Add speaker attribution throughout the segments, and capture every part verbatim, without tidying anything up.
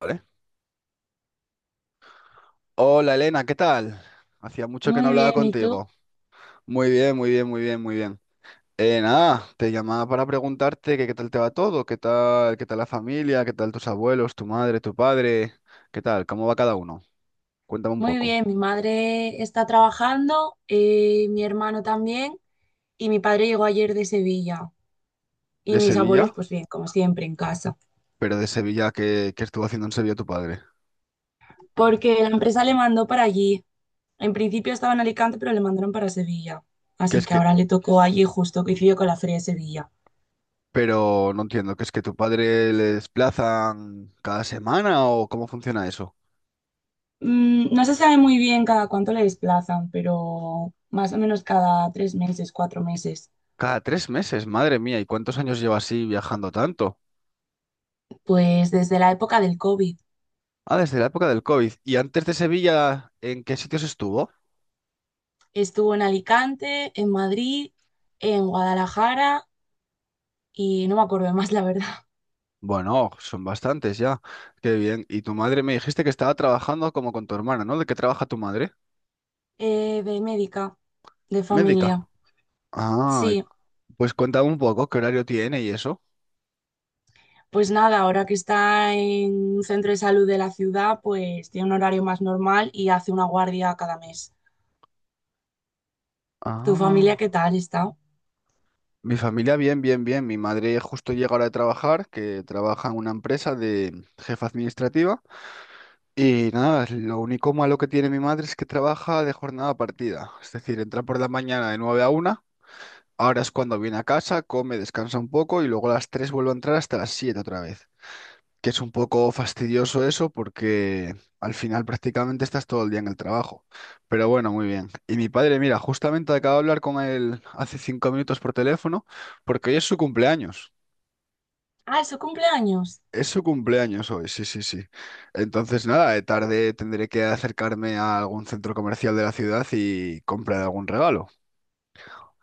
Speaker 1: Vale. Hola Elena, ¿qué tal? Hacía mucho que no
Speaker 2: Muy
Speaker 1: hablaba
Speaker 2: bien, ¿y tú?
Speaker 1: contigo. Muy bien, muy bien, muy bien, muy bien. Eh, nada, te llamaba para preguntarte que qué tal te va todo, qué tal, qué tal la familia, qué tal tus abuelos, tu madre, tu padre, qué tal, cómo va cada uno. Cuéntame un
Speaker 2: Muy
Speaker 1: poco.
Speaker 2: bien, mi madre está trabajando, eh, mi hermano también, y mi padre llegó ayer de Sevilla. Y
Speaker 1: ¿De
Speaker 2: mis abuelos,
Speaker 1: Sevilla?
Speaker 2: pues bien, como siempre, en casa.
Speaker 1: Pero de Sevilla, ¿qué, qué estuvo haciendo en Sevilla tu padre?
Speaker 2: Porque la empresa le mandó para allí. En principio estaba en Alicante, pero le mandaron para Sevilla.
Speaker 1: Que
Speaker 2: Así
Speaker 1: es
Speaker 2: que
Speaker 1: que,
Speaker 2: ahora le tocó allí justo, coincidió con la Feria de Sevilla.
Speaker 1: pero no entiendo, ¿que es que tu padre le desplazan cada semana o cómo funciona eso?
Speaker 2: Mm, no se sabe muy bien cada cuánto le desplazan, pero más o menos cada tres meses, cuatro meses.
Speaker 1: Cada tres meses, madre mía, ¿y cuántos años lleva así viajando tanto?
Speaker 2: Pues desde la época del COVID.
Speaker 1: Ah, desde la época del COVID. ¿Y antes de Sevilla, en qué sitios estuvo?
Speaker 2: Estuvo en Alicante, en Madrid, en Guadalajara y no me acuerdo de más, la verdad.
Speaker 1: Bueno, son bastantes ya. Qué bien. Y tu madre me dijiste que estaba trabajando como con tu hermana, ¿no? ¿De qué trabaja tu madre?
Speaker 2: Eh, de médica, de
Speaker 1: Médica.
Speaker 2: familia.
Speaker 1: Ah, y-
Speaker 2: Sí,
Speaker 1: pues cuéntame un poco qué horario tiene y eso.
Speaker 2: pues nada, ahora que está en un centro de salud de la ciudad, pues tiene un horario más normal y hace una guardia cada mes. ¿Tu familia
Speaker 1: Ah.
Speaker 2: qué tal está?
Speaker 1: Mi familia, bien, bien, bien. Mi madre justo llega ahora de trabajar, que trabaja en una empresa de jefa administrativa. Y nada, lo único malo que tiene mi madre es que trabaja de jornada partida. Es decir, entra por la mañana de nueve a una. Ahora es cuando viene a casa, come, descansa un poco y luego a las tres vuelve a entrar hasta las siete otra vez. Que es un poco fastidioso eso porque al final prácticamente estás todo el día en el trabajo. Pero bueno, muy bien. Y mi padre, mira, justamente acabo de hablar con él hace cinco minutos por teléfono porque hoy es su cumpleaños.
Speaker 2: Ah, es su cumpleaños.
Speaker 1: Es su cumpleaños hoy, sí, sí, sí. Entonces nada, de tarde tendré que acercarme a algún centro comercial de la ciudad y comprar algún regalo.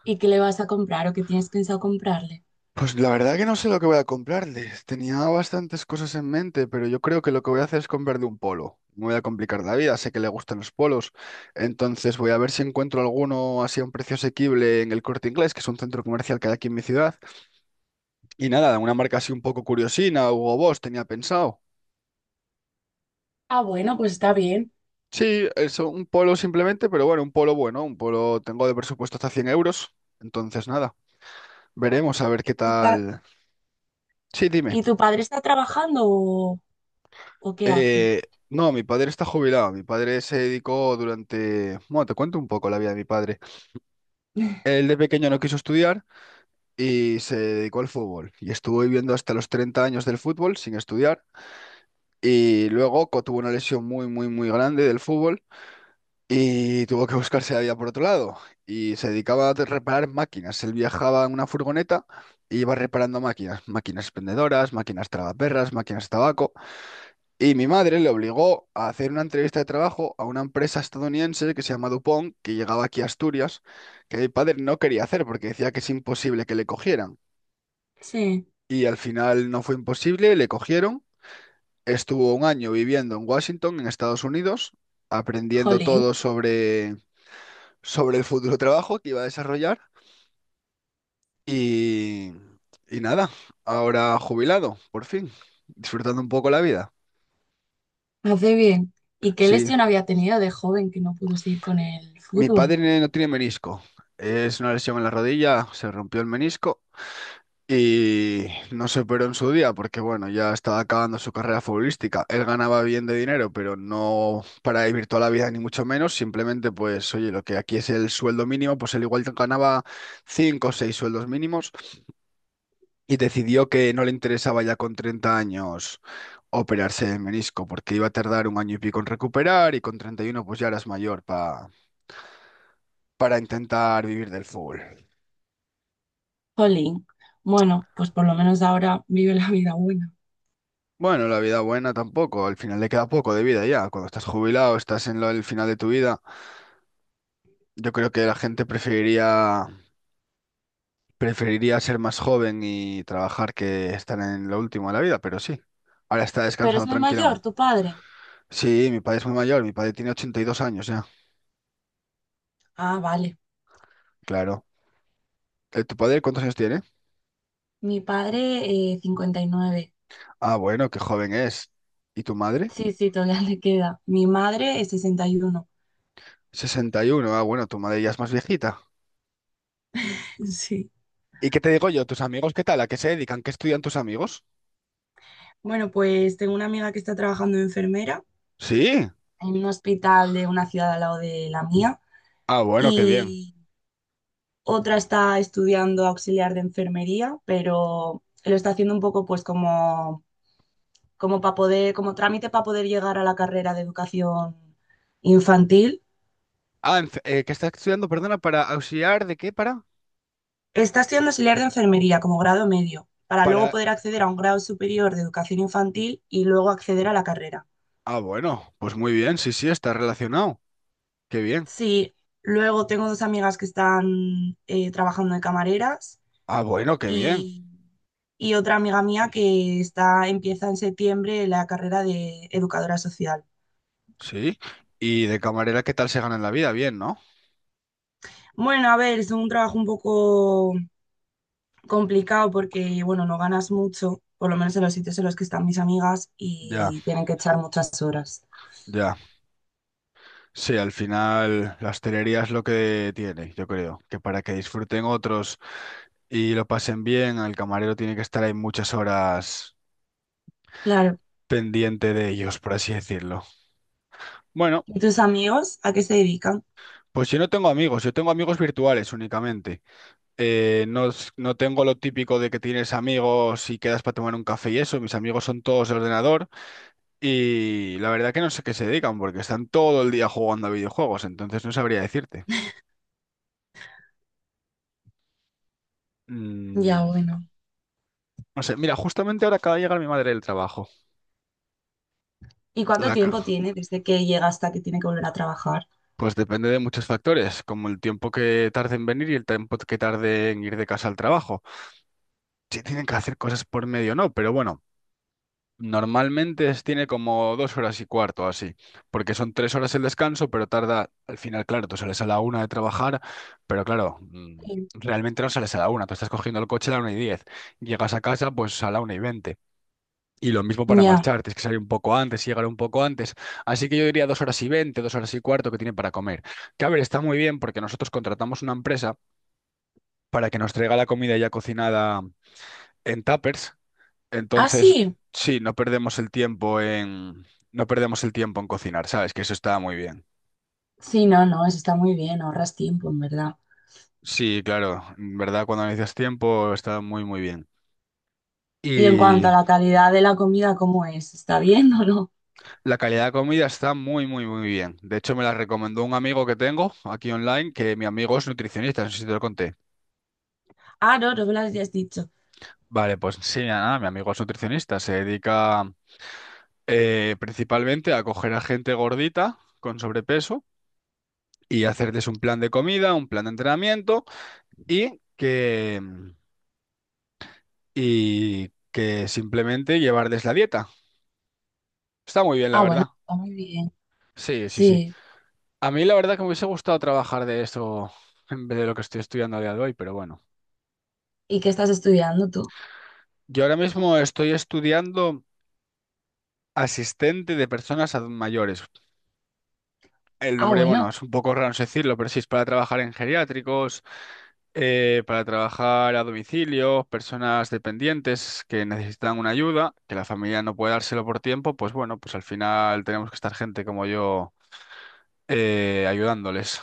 Speaker 2: ¿Y qué le vas a comprar o qué tienes pensado comprarle?
Speaker 1: Pues la verdad que no sé lo que voy a comprarles. Tenía bastantes cosas en mente, pero yo creo que lo que voy a hacer es comprarle un polo. No voy a complicar la vida, sé que le gustan los polos. Entonces voy a ver si encuentro alguno así a un precio asequible en el Corte Inglés, que es un centro comercial que hay aquí en mi ciudad. Y nada, una marca así un poco curiosina, Hugo Boss, tenía pensado.
Speaker 2: Ah, bueno, pues está bien.
Speaker 1: Sí, eso, un polo simplemente, pero bueno, un polo bueno, un polo tengo de presupuesto hasta cien euros. Entonces nada, veremos a ver
Speaker 2: ¿Y
Speaker 1: qué
Speaker 2: tu pa-
Speaker 1: tal. Sí, dime.
Speaker 2: ¿Y tu padre está trabajando o, o qué hace?
Speaker 1: Eh, no, mi padre está jubilado. Mi padre se dedicó durante… Bueno, te cuento un poco la vida de mi padre. Él de pequeño no quiso estudiar y se dedicó al fútbol. Y estuvo viviendo hasta los treinta años del fútbol sin estudiar. Y luego co- tuvo una lesión muy, muy, muy grande del fútbol y tuvo que buscarse la vida por otro lado. Y se dedicaba a reparar máquinas. Él viajaba en una furgoneta y iba reparando máquinas. Máquinas expendedoras, máquinas tragaperras, máquinas de tabaco. Y mi madre le obligó a hacer una entrevista de trabajo a una empresa estadounidense que se llama DuPont, que llegaba aquí a Asturias, que mi padre no quería hacer porque decía que es imposible que le cogieran.
Speaker 2: Sí,
Speaker 1: Y al final no fue imposible, le cogieron. Estuvo un año viviendo en Washington, en Estados Unidos, aprendiendo
Speaker 2: jolín.
Speaker 1: todo sobre, sobre el futuro trabajo que iba a desarrollar. Y, y nada, ahora jubilado, por fin, disfrutando un poco la vida.
Speaker 2: Hace bien. ¿Y qué
Speaker 1: Sí,
Speaker 2: lesión había tenido de joven que no pudo seguir con el
Speaker 1: mi
Speaker 2: fútbol?
Speaker 1: padre no no tiene menisco. Es una lesión en la rodilla, se rompió el menisco y no se operó en su día porque, bueno, ya estaba acabando su carrera futbolística. Él ganaba bien de dinero, pero no para vivir toda la vida, ni mucho menos. Simplemente, pues, oye, lo que aquí es el sueldo mínimo, pues él igual ganaba cinco o seis sueldos mínimos y decidió que no le interesaba ya con treinta años operarse el menisco porque iba a tardar un año y pico en recuperar y con treinta y uno pues ya eras mayor pa- para intentar vivir del fútbol.
Speaker 2: Jolín. Bueno, pues por lo menos ahora vive la vida buena.
Speaker 1: Bueno, la vida buena tampoco, al final le queda poco de vida ya. Cuando estás jubilado, estás en lo- el final de tu vida. Yo creo que la gente preferiría, preferiría ser más joven y trabajar que estar en lo último de la vida, pero sí, ahora está
Speaker 2: Pero
Speaker 1: descansando
Speaker 2: es muy mayor,
Speaker 1: tranquilamente.
Speaker 2: tu padre.
Speaker 1: Sí, mi padre es muy mayor, mi padre tiene ochenta y dos años ya,
Speaker 2: Ah, vale.
Speaker 1: claro. Eh, ¿tu padre cuántos años tiene?
Speaker 2: Mi padre, eh, cincuenta y nueve.
Speaker 1: Ah, bueno, qué joven es. ¿Y tu madre?
Speaker 2: Sí, sí, todavía le queda. Mi madre es sesenta y uno.
Speaker 1: Sesenta y uno. Ah, bueno, tu madre ya es más viejita.
Speaker 2: Sí.
Speaker 1: ¿Y qué te digo yo? ¿Tus amigos qué tal? ¿A qué se dedican? ¿Qué estudian tus amigos?
Speaker 2: Bueno, pues tengo una amiga que está trabajando de enfermera
Speaker 1: Sí.
Speaker 2: en un hospital de una ciudad al lado de la mía
Speaker 1: Ah, bueno, qué bien.
Speaker 2: y otra está estudiando auxiliar de enfermería, pero lo está haciendo un poco pues como como para poder, como trámite para poder llegar a la carrera de educación infantil.
Speaker 1: Ah, en fe- eh, ¿qué estás estudiando? Perdona, ¿para auxiliar de qué? ¿Para?
Speaker 2: Está estudiando auxiliar de enfermería como grado medio, para luego
Speaker 1: Para…
Speaker 2: poder acceder a un grado superior de educación infantil y luego acceder a la carrera.
Speaker 1: Ah, bueno, pues muy bien, sí, sí, está relacionado. Qué bien.
Speaker 2: Sí, luego tengo dos amigas que están eh, trabajando de camareras
Speaker 1: Ah, bueno, qué bien.
Speaker 2: y, y otra amiga mía que está, empieza en septiembre la carrera de educadora social.
Speaker 1: Sí. Y de camarera, ¿qué tal se gana en la vida? Bien, ¿no?
Speaker 2: Bueno, a ver, es un trabajo un poco complicado porque, bueno, no ganas mucho, por lo menos en los sitios en los que están mis amigas
Speaker 1: Ya,
Speaker 2: y tienen que echar muchas horas.
Speaker 1: ya. Sí, al final la hostelería es lo que tiene, yo creo, que para que disfruten otros y lo pasen bien, el camarero tiene que estar ahí muchas horas
Speaker 2: Claro.
Speaker 1: pendiente de ellos, por así decirlo. Bueno,
Speaker 2: ¿Y tus amigos a qué se dedican?
Speaker 1: pues yo no tengo amigos, yo tengo amigos virtuales únicamente. eh, no, es- no tengo lo típico de que tienes amigos y quedas para tomar un café y eso. Mis amigos son todos de ordenador y la verdad que no sé qué se dedican porque están todo el día jugando a videojuegos, entonces no sabría decirte.
Speaker 2: Ya,
Speaker 1: Mm,
Speaker 2: bueno.
Speaker 1: no sé, mira, justamente ahora acaba de llegar mi madre del trabajo.
Speaker 2: ¿Y cuánto
Speaker 1: La
Speaker 2: tiempo
Speaker 1: ca-
Speaker 2: tiene desde que llega hasta que tiene que volver a trabajar?
Speaker 1: pues depende de muchos factores, como el tiempo que tarde en venir y el tiempo que tarde en ir de casa al trabajo. Si tienen que hacer cosas por medio no, pero bueno. Normalmente es- tiene como dos horas y cuarto o así, porque son tres horas el descanso, pero tarda, al final, claro, tú sales a la una de trabajar, pero claro, mm,
Speaker 2: Sí.
Speaker 1: realmente no sales a la una, tú estás cogiendo el coche a la una y diez, llegas a casa pues a la una y veinte. Y lo mismo para
Speaker 2: Ya.
Speaker 1: marchar, tienes que salir un poco antes y llegar un poco antes. Así que yo diría dos horas y veinte, dos horas y cuarto que tiene para comer. Que a ver, está muy bien porque nosotros contratamos una empresa para que nos traiga la comida ya cocinada en tuppers
Speaker 2: Ah,
Speaker 1: entonces,
Speaker 2: sí.
Speaker 1: sí, no perdemos el tiempo en, no perdemos el tiempo en cocinar, ¿sabes? Que eso está muy bien.
Speaker 2: Sí, no, no, eso está muy bien, ahorras tiempo, en verdad.
Speaker 1: Sí, claro, en verdad, cuando necesitas tiempo está muy, muy bien.
Speaker 2: Y en cuanto a
Speaker 1: Y
Speaker 2: la calidad de la comida, ¿cómo es? ¿Está bien o no?
Speaker 1: la calidad de comida está muy, muy, muy bien. De hecho, me la recomendó un amigo que tengo aquí online, que mi amigo es nutricionista, no sé si te lo conté.
Speaker 2: Ah, no, no me lo habías dicho.
Speaker 1: Vale, pues sí, nada, mi amigo es nutricionista, se dedica eh, principalmente a coger a gente gordita con sobrepeso y hacerles un plan de comida, un plan de entrenamiento y que, y que simplemente llevarles la dieta. Está muy bien, la
Speaker 2: Ah, bueno,
Speaker 1: verdad.
Speaker 2: está muy bien.
Speaker 1: Sí, sí, sí.
Speaker 2: Sí.
Speaker 1: A mí la verdad que me hubiese gustado trabajar de esto en vez de lo que estoy estudiando a día de hoy, pero bueno.
Speaker 2: ¿Y qué estás estudiando tú?
Speaker 1: Yo ahora mismo estoy estudiando asistente de personas ad- mayores. El
Speaker 2: Ah,
Speaker 1: nombre, bueno,
Speaker 2: bueno,
Speaker 1: es un poco raro no decirlo, pero sí, es para trabajar en geriátricos, eh, para trabajar a domicilio, personas dependientes que necesitan una ayuda, que la familia no puede dárselo por tiempo, pues bueno, pues al final tenemos que estar gente como yo eh, ayudándoles.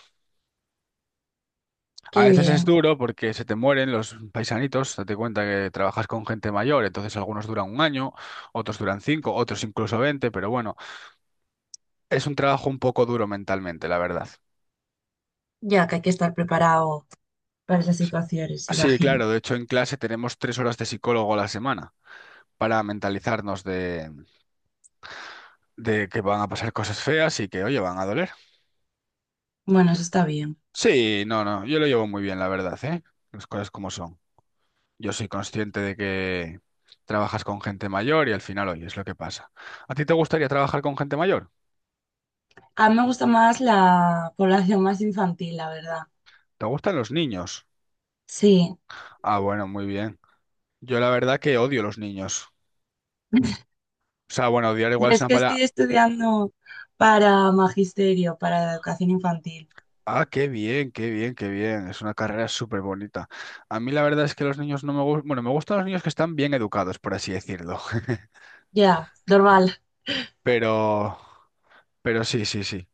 Speaker 1: A
Speaker 2: qué
Speaker 1: veces es
Speaker 2: bien.
Speaker 1: duro porque se te mueren los paisanitos, date cuenta que trabajas con gente mayor, entonces algunos duran un año, otros duran cinco, otros incluso veinte, pero bueno, es un trabajo un poco duro mentalmente, la verdad.
Speaker 2: Ya que hay que estar preparado para esas situaciones,
Speaker 1: Sí,
Speaker 2: imagino.
Speaker 1: claro, de hecho en clase tenemos tres horas de psicólogo a la semana para mentalizarnos de, de que van a pasar cosas feas y que, oye, van a doler.
Speaker 2: Bueno, eso está bien.
Speaker 1: Sí, no, no, yo lo llevo muy bien, la verdad, ¿eh? Las cosas como son. Yo soy consciente de que trabajas con gente mayor y al final, oye, es lo que pasa. ¿A ti te gustaría trabajar con gente mayor?
Speaker 2: A mí me gusta más la población más infantil, la verdad.
Speaker 1: ¿Te gustan los niños?
Speaker 2: Sí.
Speaker 1: Ah, bueno, muy bien. Yo la verdad que odio los niños. O sea, bueno, odiar igual
Speaker 2: Yo
Speaker 1: es
Speaker 2: es
Speaker 1: una
Speaker 2: que
Speaker 1: palabra…
Speaker 2: estoy estudiando para magisterio, para la educación infantil.
Speaker 1: Ah, qué bien, qué bien, qué bien. Es una carrera súper bonita. A mí la verdad es que los niños no me gustan… Bueno, me gustan los niños que están bien educados, por así decirlo.
Speaker 2: Ya, normal.
Speaker 1: Pero… Pero sí, sí, sí.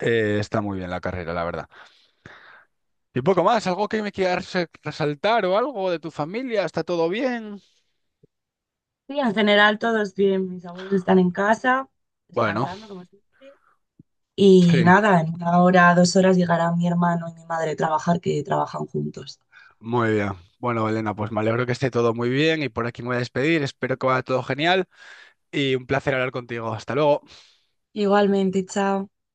Speaker 1: Eh, está muy bien la carrera, la verdad. Y poco más, algo que me quieras eh, resaltar o algo de tu familia, ¿está todo bien?
Speaker 2: Sí, en general todos bien. Mis abuelos están en casa,
Speaker 1: Bueno,
Speaker 2: descansando, como siempre. Y
Speaker 1: sí,
Speaker 2: nada, en una hora, dos horas llegará mi hermano y mi madre a trabajar, que trabajan juntos.
Speaker 1: muy bien. Bueno, Elena, pues me alegro que esté todo muy bien y por aquí me voy a despedir. Espero que vaya todo genial y un placer hablar contigo. Hasta luego.
Speaker 2: Igualmente, chao.